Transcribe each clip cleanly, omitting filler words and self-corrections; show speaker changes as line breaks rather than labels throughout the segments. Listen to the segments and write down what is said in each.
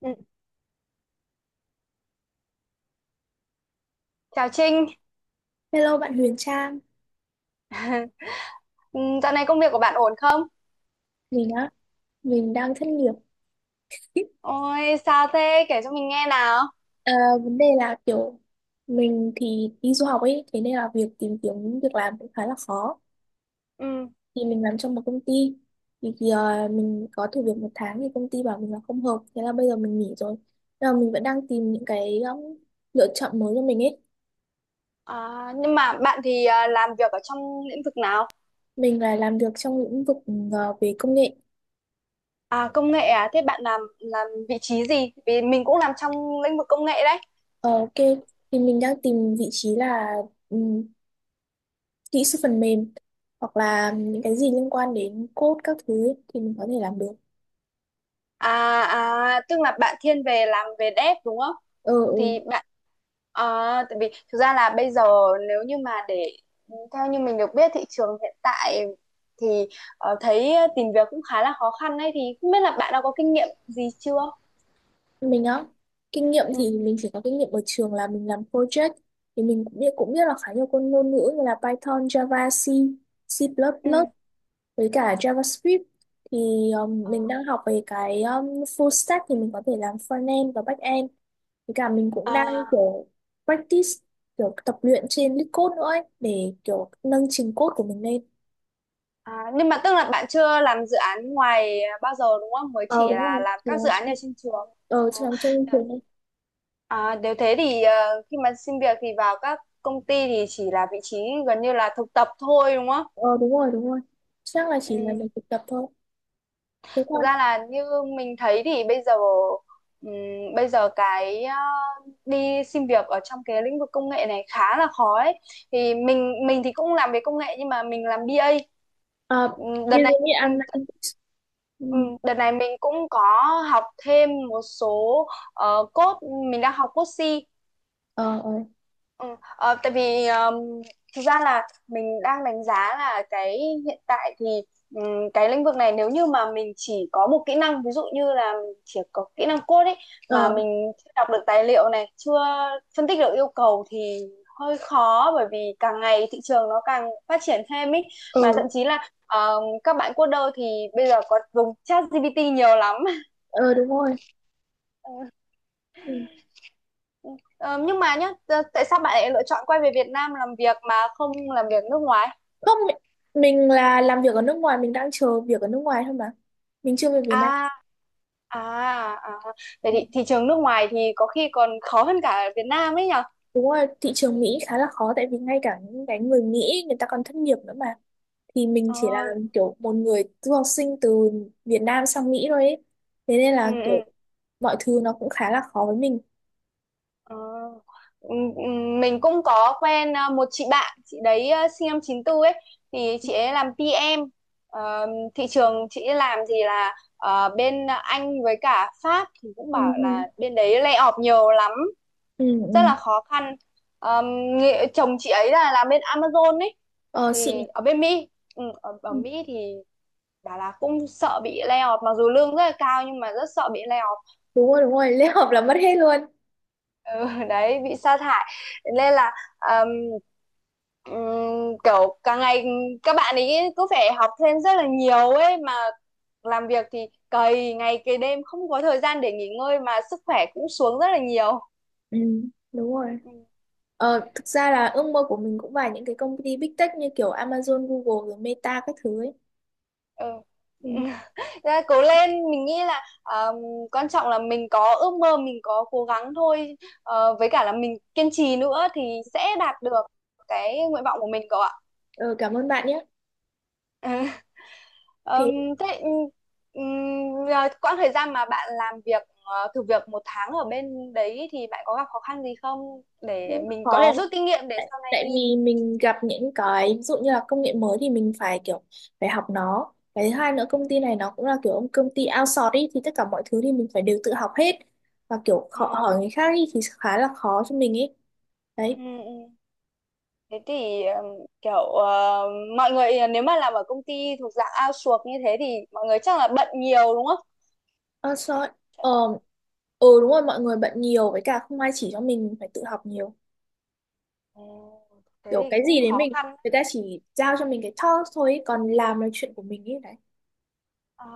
Ừ, Chào Trinh.
Hello bạn Huyền Trang,
Ừ, Dạo này công việc của bạn ổn không?
mình á, mình đang thất nghiệp.
Ôi, sao thế? Kể cho mình nghe nào.
Ờ, vấn đề là kiểu mình thì đi du học ấy, thế nên là việc tìm kiếm việc làm cũng khá là khó.
Ừ.
Thì mình làm trong một công ty, thì mình có thử việc một tháng thì công ty bảo mình là không hợp, thế là bây giờ mình nghỉ rồi. Nhưng mà mình vẫn đang tìm những cái lựa chọn mới cho mình ấy.
À, nhưng mà bạn thì làm việc ở trong lĩnh vực nào?
Mình là làm việc trong lĩnh vực về công nghệ.
À, công nghệ à? Thế bạn làm vị trí gì? Vì mình cũng làm trong lĩnh vực công nghệ đấy.
Ờ, ok, thì mình đang tìm vị trí là kỹ sư phần mềm hoặc là những cái gì liên quan đến code các thứ ấy, thì mình có thể làm được.
À, à tức là bạn thiên về làm về dev đúng không?
ừ, ừ.
Thì bạn à, tại vì thực ra là bây giờ nếu như mà để theo như mình được biết thị trường hiện tại thì thấy tìm việc cũng khá là khó khăn đấy, thì không biết là bạn đã có kinh nghiệm gì chưa?
Mình á, kinh nghiệm
Ừ.
thì mình chỉ có kinh nghiệm ở trường là mình làm project, thì mình cũng biết là khá nhiều con ngôn ngữ như là Python, Java, C, C++,
Ừ.
với cả JavaScript. Thì mình đang học về cái full stack, thì mình có thể làm front end và back end, với cả mình cũng đang
À.
kiểu practice, kiểu tập luyện trên LeetCode nữa ấy, để kiểu nâng trình code của mình lên.
À, nhưng mà tức là bạn chưa làm dự án ngoài bao giờ đúng không? Mới
Ờ
chỉ
đúng
là
rồi,
làm
thì là
các dự án ở trên trường. Ờ,
chị làm trong
đ-
trường đấy.
à, nếu thế thì khi mà xin việc thì vào các công ty thì chỉ là vị trí gần như là thực tập thôi đúng không?
Ờ đúng rồi, đúng rồi, chắc là chỉ là
Ừ.
mình thực tập thôi, thế
Thực
thôi.
ra là như mình thấy thì bây giờ cái đi xin việc ở trong cái lĩnh vực công nghệ này khá là khó ấy. Thì mình thì cũng làm về công nghệ nhưng mà mình làm BA.
À,
Đợt
như thế
này
như ăn ăn- ừ.
ừ, đợt này mình cũng có học thêm một số code, mình đang học code C.
ờ ờ
ừ, ờ, Tại vì thực ra là mình đang đánh giá là cái hiện tại thì cái lĩnh vực này nếu như mà mình chỉ có một kỹ năng, ví dụ như là mình chỉ có kỹ năng code ấy, mà
ờ
mình chưa đọc được tài liệu này, chưa phân tích được yêu cầu thì hơi khó, bởi vì càng ngày thị trường nó càng phát triển thêm ấy,
ờ
mà thậm chí là các bạn coder thì bây giờ có dùng ChatGPT nhiều lắm.
ờ, đúng rồi.
Ờ,
Ừ.
ờ, nhưng mà nhá, tại sao bạn lại lựa chọn quay về Việt Nam làm việc mà không làm việc nước ngoài?
không mi- mình là làm việc ở nước ngoài, mình đang chờ việc ở nước ngoài thôi mà, mình chưa về Việt Nam.
À, à, à. Vậy
Ờ,
thì thị trường nước ngoài thì có khi còn khó hơn cả Việt Nam ấy nhở?
đúng rồi, thị trường Mỹ khá là khó, tại vì ngay cả những cái người Mỹ, người ta còn thất nghiệp nữa mà, thì mình chỉ là
Ờ,
kiểu một người du học sinh từ Việt Nam sang Mỹ thôi ấy. Thế nên
ừ,
là kiểu
ừ,
mọi thứ nó cũng khá là khó với mình.
ờ. Ừ, ừ, Mình cũng có quen à, một chị bạn, chị đấy à, sinh năm chín tư ấy, thì chị ấy làm PM. Ờ, Thị trường chị ấy làm thì là bên Anh với cả Pháp, thì cũng
Ừ.
bảo
Ừ.
là bên đấy lay off nhiều lắm,
ừ
rất
ừ
là khó khăn. Ờm, Nghệ, chồng chị ấy là làm bên Amazon ấy,
ờ xịn nhỉ?
thì ở bên Mỹ, ở
Ừ,
Mỹ thì bảo là cũng sợ bị lay off, mặc dù lương rất là cao nhưng mà rất sợ bị lay off.
đúng rồi đúng rồi, lễ hợp là mất hết luôn.
Ừ, Đấy, bị sa thải. Nên là ờm, kiểu càng ngày các bạn ấy cứ phải học thêm rất là nhiều ấy, mà làm việc thì cày ngày cày đêm, không có thời gian để nghỉ ngơi, mà sức khỏe cũng xuống rất là nhiều.
Ừ đúng rồi,
Ừ.
thực ra là ước mơ của mình cũng phải những cái công ty big tech như kiểu Amazon, Google rồi Meta các thứ ấy.
Ừ.
Ừ.
Ra cố lên, mình nghĩ là quan trọng là mình có ước mơ, mình có cố gắng thôi. Ờ, với cả là mình kiên trì nữa thì sẽ đạt được cái nguyện vọng của mình cậu ạ.
Ờ, cảm ơn bạn nhé.
Ờm,
Thế,
Thế quãng thời gian mà bạn làm việc thử việc 1 tháng ở bên đấy thì bạn có gặp khó khăn gì không, để
cũng
mình có
khó
thể rút kinh nghiệm để sau này
tại
đi.
vì mình gặp những cái ví dụ như là công nghệ mới thì mình phải kiểu phải học nó. Cái thứ hai nữa, công ty này nó cũng là kiểu ông công ty outsource ý, thì tất cả mọi thứ thì mình phải đều tự học hết, và kiểu
Ừ.
khó hỏi người khác ý, thì khá là khó cho mình ấy
Ừ.
đấy.
ừ. Thế thì kiểu ờ, mọi người nếu mà làm ở công ty thuộc dạng outsource như thế thì mọi người chắc là bận nhiều đúng không?
Ờ, sorry. Ừ đúng rồi, mọi người bận nhiều, với cả không ai chỉ cho mình phải tự học nhiều.
Ồ, thế
Kiểu
thì
cái gì
cũng
đến
khó
mình,
khăn. Đấy.
người ta chỉ giao cho mình cái task thôi ý, còn làm là chuyện của mình ấy đấy.
Ờ,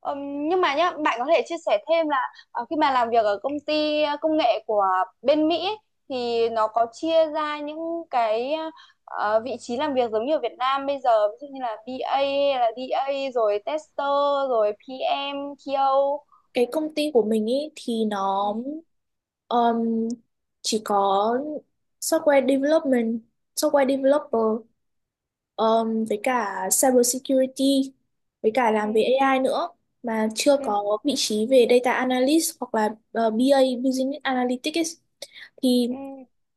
nhưng mà nhá, bạn có thể chia sẻ thêm là khi mà làm việc ở công ty công nghệ của bên Mỹ ấy, thì nó có chia ra những cái vị trí làm việc giống như ở Việt Nam bây giờ, ví dụ như là BA hay là đê A rồi tester rồi PM, TO.
Cái công ty của mình ấy thì
Ừ,
nó um, chỉ có software development, software
ừ,
developer, với cả cyber security, với cả làm
ừ,
về AI nữa, mà chưa
ừ.
có vị trí về data analyst hoặc là BA, business analytics ấy. Thì
ừ.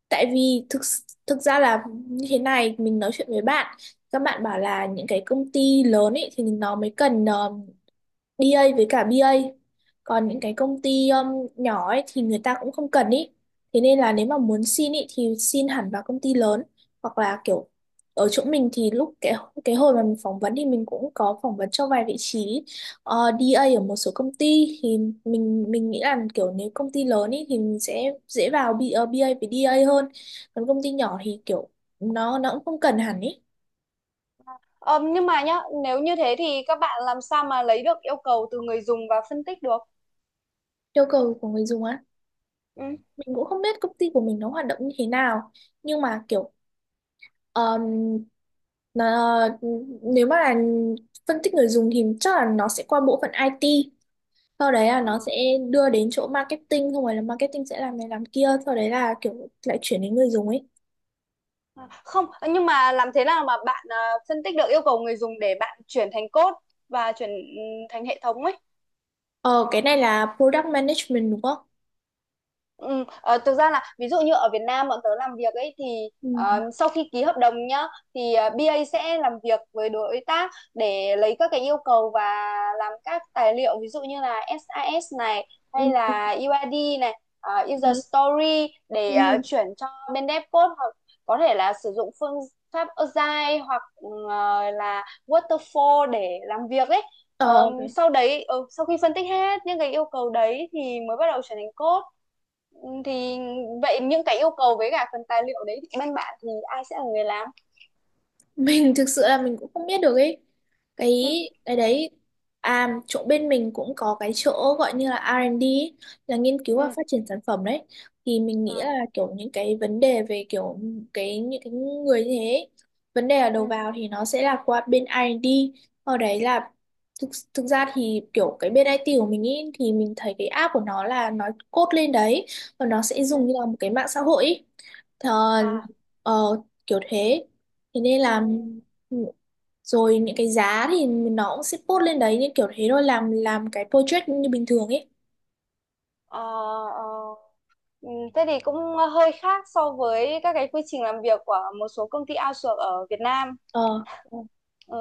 tại vì thực thực ra là như thế này, mình nói chuyện với bạn, các bạn bảo là những cái công ty lớn ấy thì nó mới cần đê A với cả bê A. Còn những cái công ty nhỏ ấy thì người ta cũng không cần ý. Thế nên là nếu mà muốn xin ý thì xin hẳn vào công ty lớn, hoặc là kiểu ở chỗ mình thì lúc cái hồi mà mình phỏng vấn thì mình cũng có phỏng vấn cho vài vị trí đê A ở một số công ty, thì mình nghĩ là kiểu nếu công ty lớn ý thì mình sẽ dễ vào B, A với A hơn. Còn công ty nhỏ thì kiểu nó cũng không cần hẳn ý.
Ờ, nhưng mà nhá, nếu như thế thì các bạn làm sao mà lấy được yêu cầu từ người dùng và phân tích được?
Yêu cầu của người dùng á.
Ừ.
Mình cũng không biết công ty của mình nó hoạt động như thế nào, nhưng mà kiểu um, nó, nếu mà là phân tích người dùng thì chắc là nó sẽ qua bộ phận IT, sau đấy là nó
Ờ,
sẽ đưa đến chỗ marketing, không phải là marketing sẽ làm này làm kia, sau đấy là kiểu lại chuyển đến người dùng ấy.
ờ. Không, nhưng mà làm thế nào mà bạn phân tích được yêu cầu người dùng để bạn chuyển thành code và chuyển thành hệ thống ấy?
Ờ, cái này là product management đúng không?
Ờ, Thực ra là ví dụ như ở Việt Nam bọn tớ làm việc ấy, thì
Ừ.
sau khi ký hợp đồng nhá, thì BA sẽ làm việc với đối tác để lấy các cái yêu cầu và làm các tài liệu, ví dụ như là SAS này hay
Ừ.
là UID này,
Ừ.
user story, để
Ừ.
chuyển cho bên dev code, hoặc có thể là sử dụng phương Agile hoặc là Waterfall để làm việc ấy.
Ờ,
Ờ,
ok.
sau đấy sau khi phân tích hết những cái yêu cầu đấy thì mới bắt đầu chuyển thành code. Ừ, thì vậy những cái yêu cầu với cả phần tài liệu đấy thì bên bạn thì ai sẽ là người làm?
Mình thực sự là mình cũng không biết được ấy, cái
Ừ
cái đấy. À, chỗ bên mình cũng có cái chỗ gọi như là R&D ấy, là nghiên cứu và
ừ
phát triển sản phẩm đấy. Thì mình nghĩ
à
là kiểu những cái vấn đề về kiểu cái những cái người như thế ấy, vấn đề ở
ừ
đầu vào thì nó sẽ là qua bên R&D. Ở đấy là thực ra thì kiểu cái bên IT của mình ý, thì mình thấy cái app của nó là nó code lên đấy, và nó sẽ
ừ
dùng như là một cái mạng xã hội ý. Thờ,
à
ờ, kiểu thế, thế nên
ừ
là ừ, rồi những cái giá thì nó cũng sẽ post lên đấy, như kiểu thế thôi, làm cái project như bình thường ấy.
ờ, ờ. Ừ, thế thì cũng hơi khác so với các cái quy trình làm việc của một số công ty outsource ở Việt Nam.
ờ
Ừ.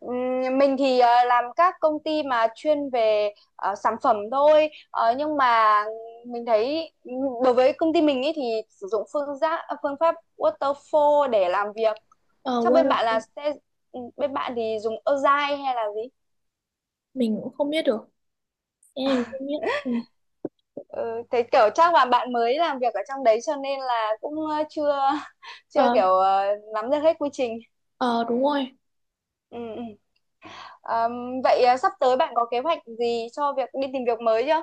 Mình thì làm các công ty mà chuyên về sản phẩm thôi. Ờ, nhưng mà mình thấy đối với công ty mình ý, thì sử dụng phương pháp waterfall để làm việc,
ờ
chắc
what-
bên bạn là sẽ bên bạn thì dùng Agile hay là gì.
mình cũng không biết được, em mình không biết ừ.
ừ, Thế kiểu chắc là bạn mới làm việc ở trong đấy cho nên là cũng chưa chưa
ờ
kiểu nắm được hết quy trình.
ờ đúng rồi.
Ừ, ừ. Vậy sắp tới bạn có kế hoạch gì cho việc đi tìm việc mới chưa?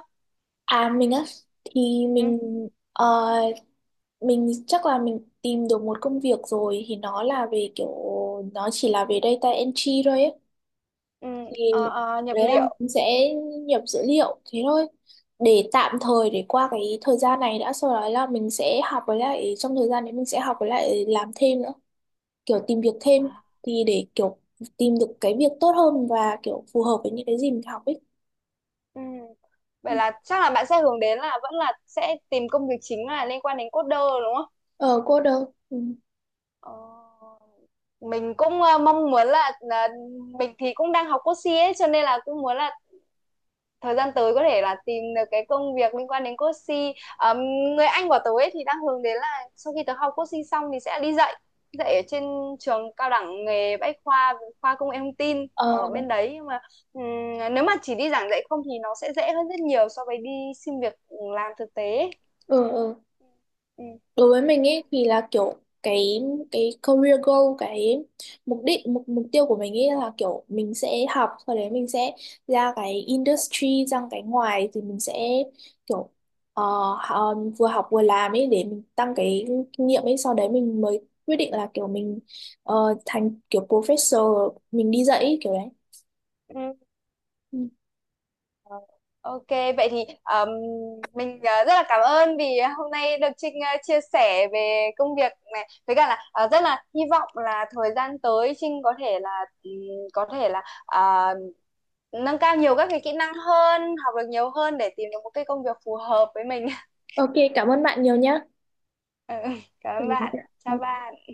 À, mình á, thì
Ừ.
ờ, mình chắc là mình tìm được một công việc rồi, thì nó là về kiểu nó chỉ là về data entry thôi ấy.
Ừ,
Thì
nhập
đấy là
liệu.
mình sẽ nhập dữ liệu thế thôi, để tạm thời để qua cái thời gian này đã, sau đó là mình sẽ học, với lại trong thời gian đấy mình sẽ học với lại làm thêm nữa, kiểu tìm việc thêm,
À,
thì để kiểu tìm được cái việc tốt hơn và kiểu phù hợp với những cái gì mình học ấy.
ừ.
Ừ.
Vậy là chắc là bạn sẽ hướng đến là vẫn là sẽ tìm công việc chính là liên quan đến coder đúng không?
Ờ cô đâu ừ.
Ờ, mình cũng mong muốn là mình thì cũng đang học code CX, cho nên là cũng muốn là thời gian tới có thể là tìm được cái công việc liên quan đến Coaching. Người anh của tớ ấy thì đang hướng đến là sau khi tớ học Coaching xong thì sẽ đi dạy dạy ở trên trường cao đẳng nghề Bách khoa, khoa công nghệ thông tin
ờ
ở bên đấy, nhưng mà nếu mà chỉ đi giảng dạy không thì nó sẽ dễ hơn rất nhiều so với đi xin việc làm thực tế.
ờ ờ
Ừ.
đối với mình ấy thì là kiểu cái cái career goal, cái mục đích, mục mục tiêu của mình ấy là kiểu mình sẽ học, sau đấy mình sẽ ra cái industry, ra cái ngoài thì mình sẽ kiểu ờ, vừa học vừa làm ấy, để mình tăng cái kinh nghiệm ấy, sau đấy mình mới quyết định là kiểu thành kiểu professor, mình đi dạy ấy, kiểu đấy.
Ừ.
Ừ.
Ờ, Ok, vậy thì mình rất là cảm ơn vì hôm nay được Trinh chia sẻ về công việc này, với cả là rất là hy vọng là thời gian tới Trinh có thể là nâng cao nhiều các cái kỹ năng hơn, học được nhiều hơn để tìm được một cái công việc phù hợp với mình.
Ok, cảm ơn bạn nhiều nhá.
Ừ, Cảm ơn bạn. Chào
Ừ.
bạn.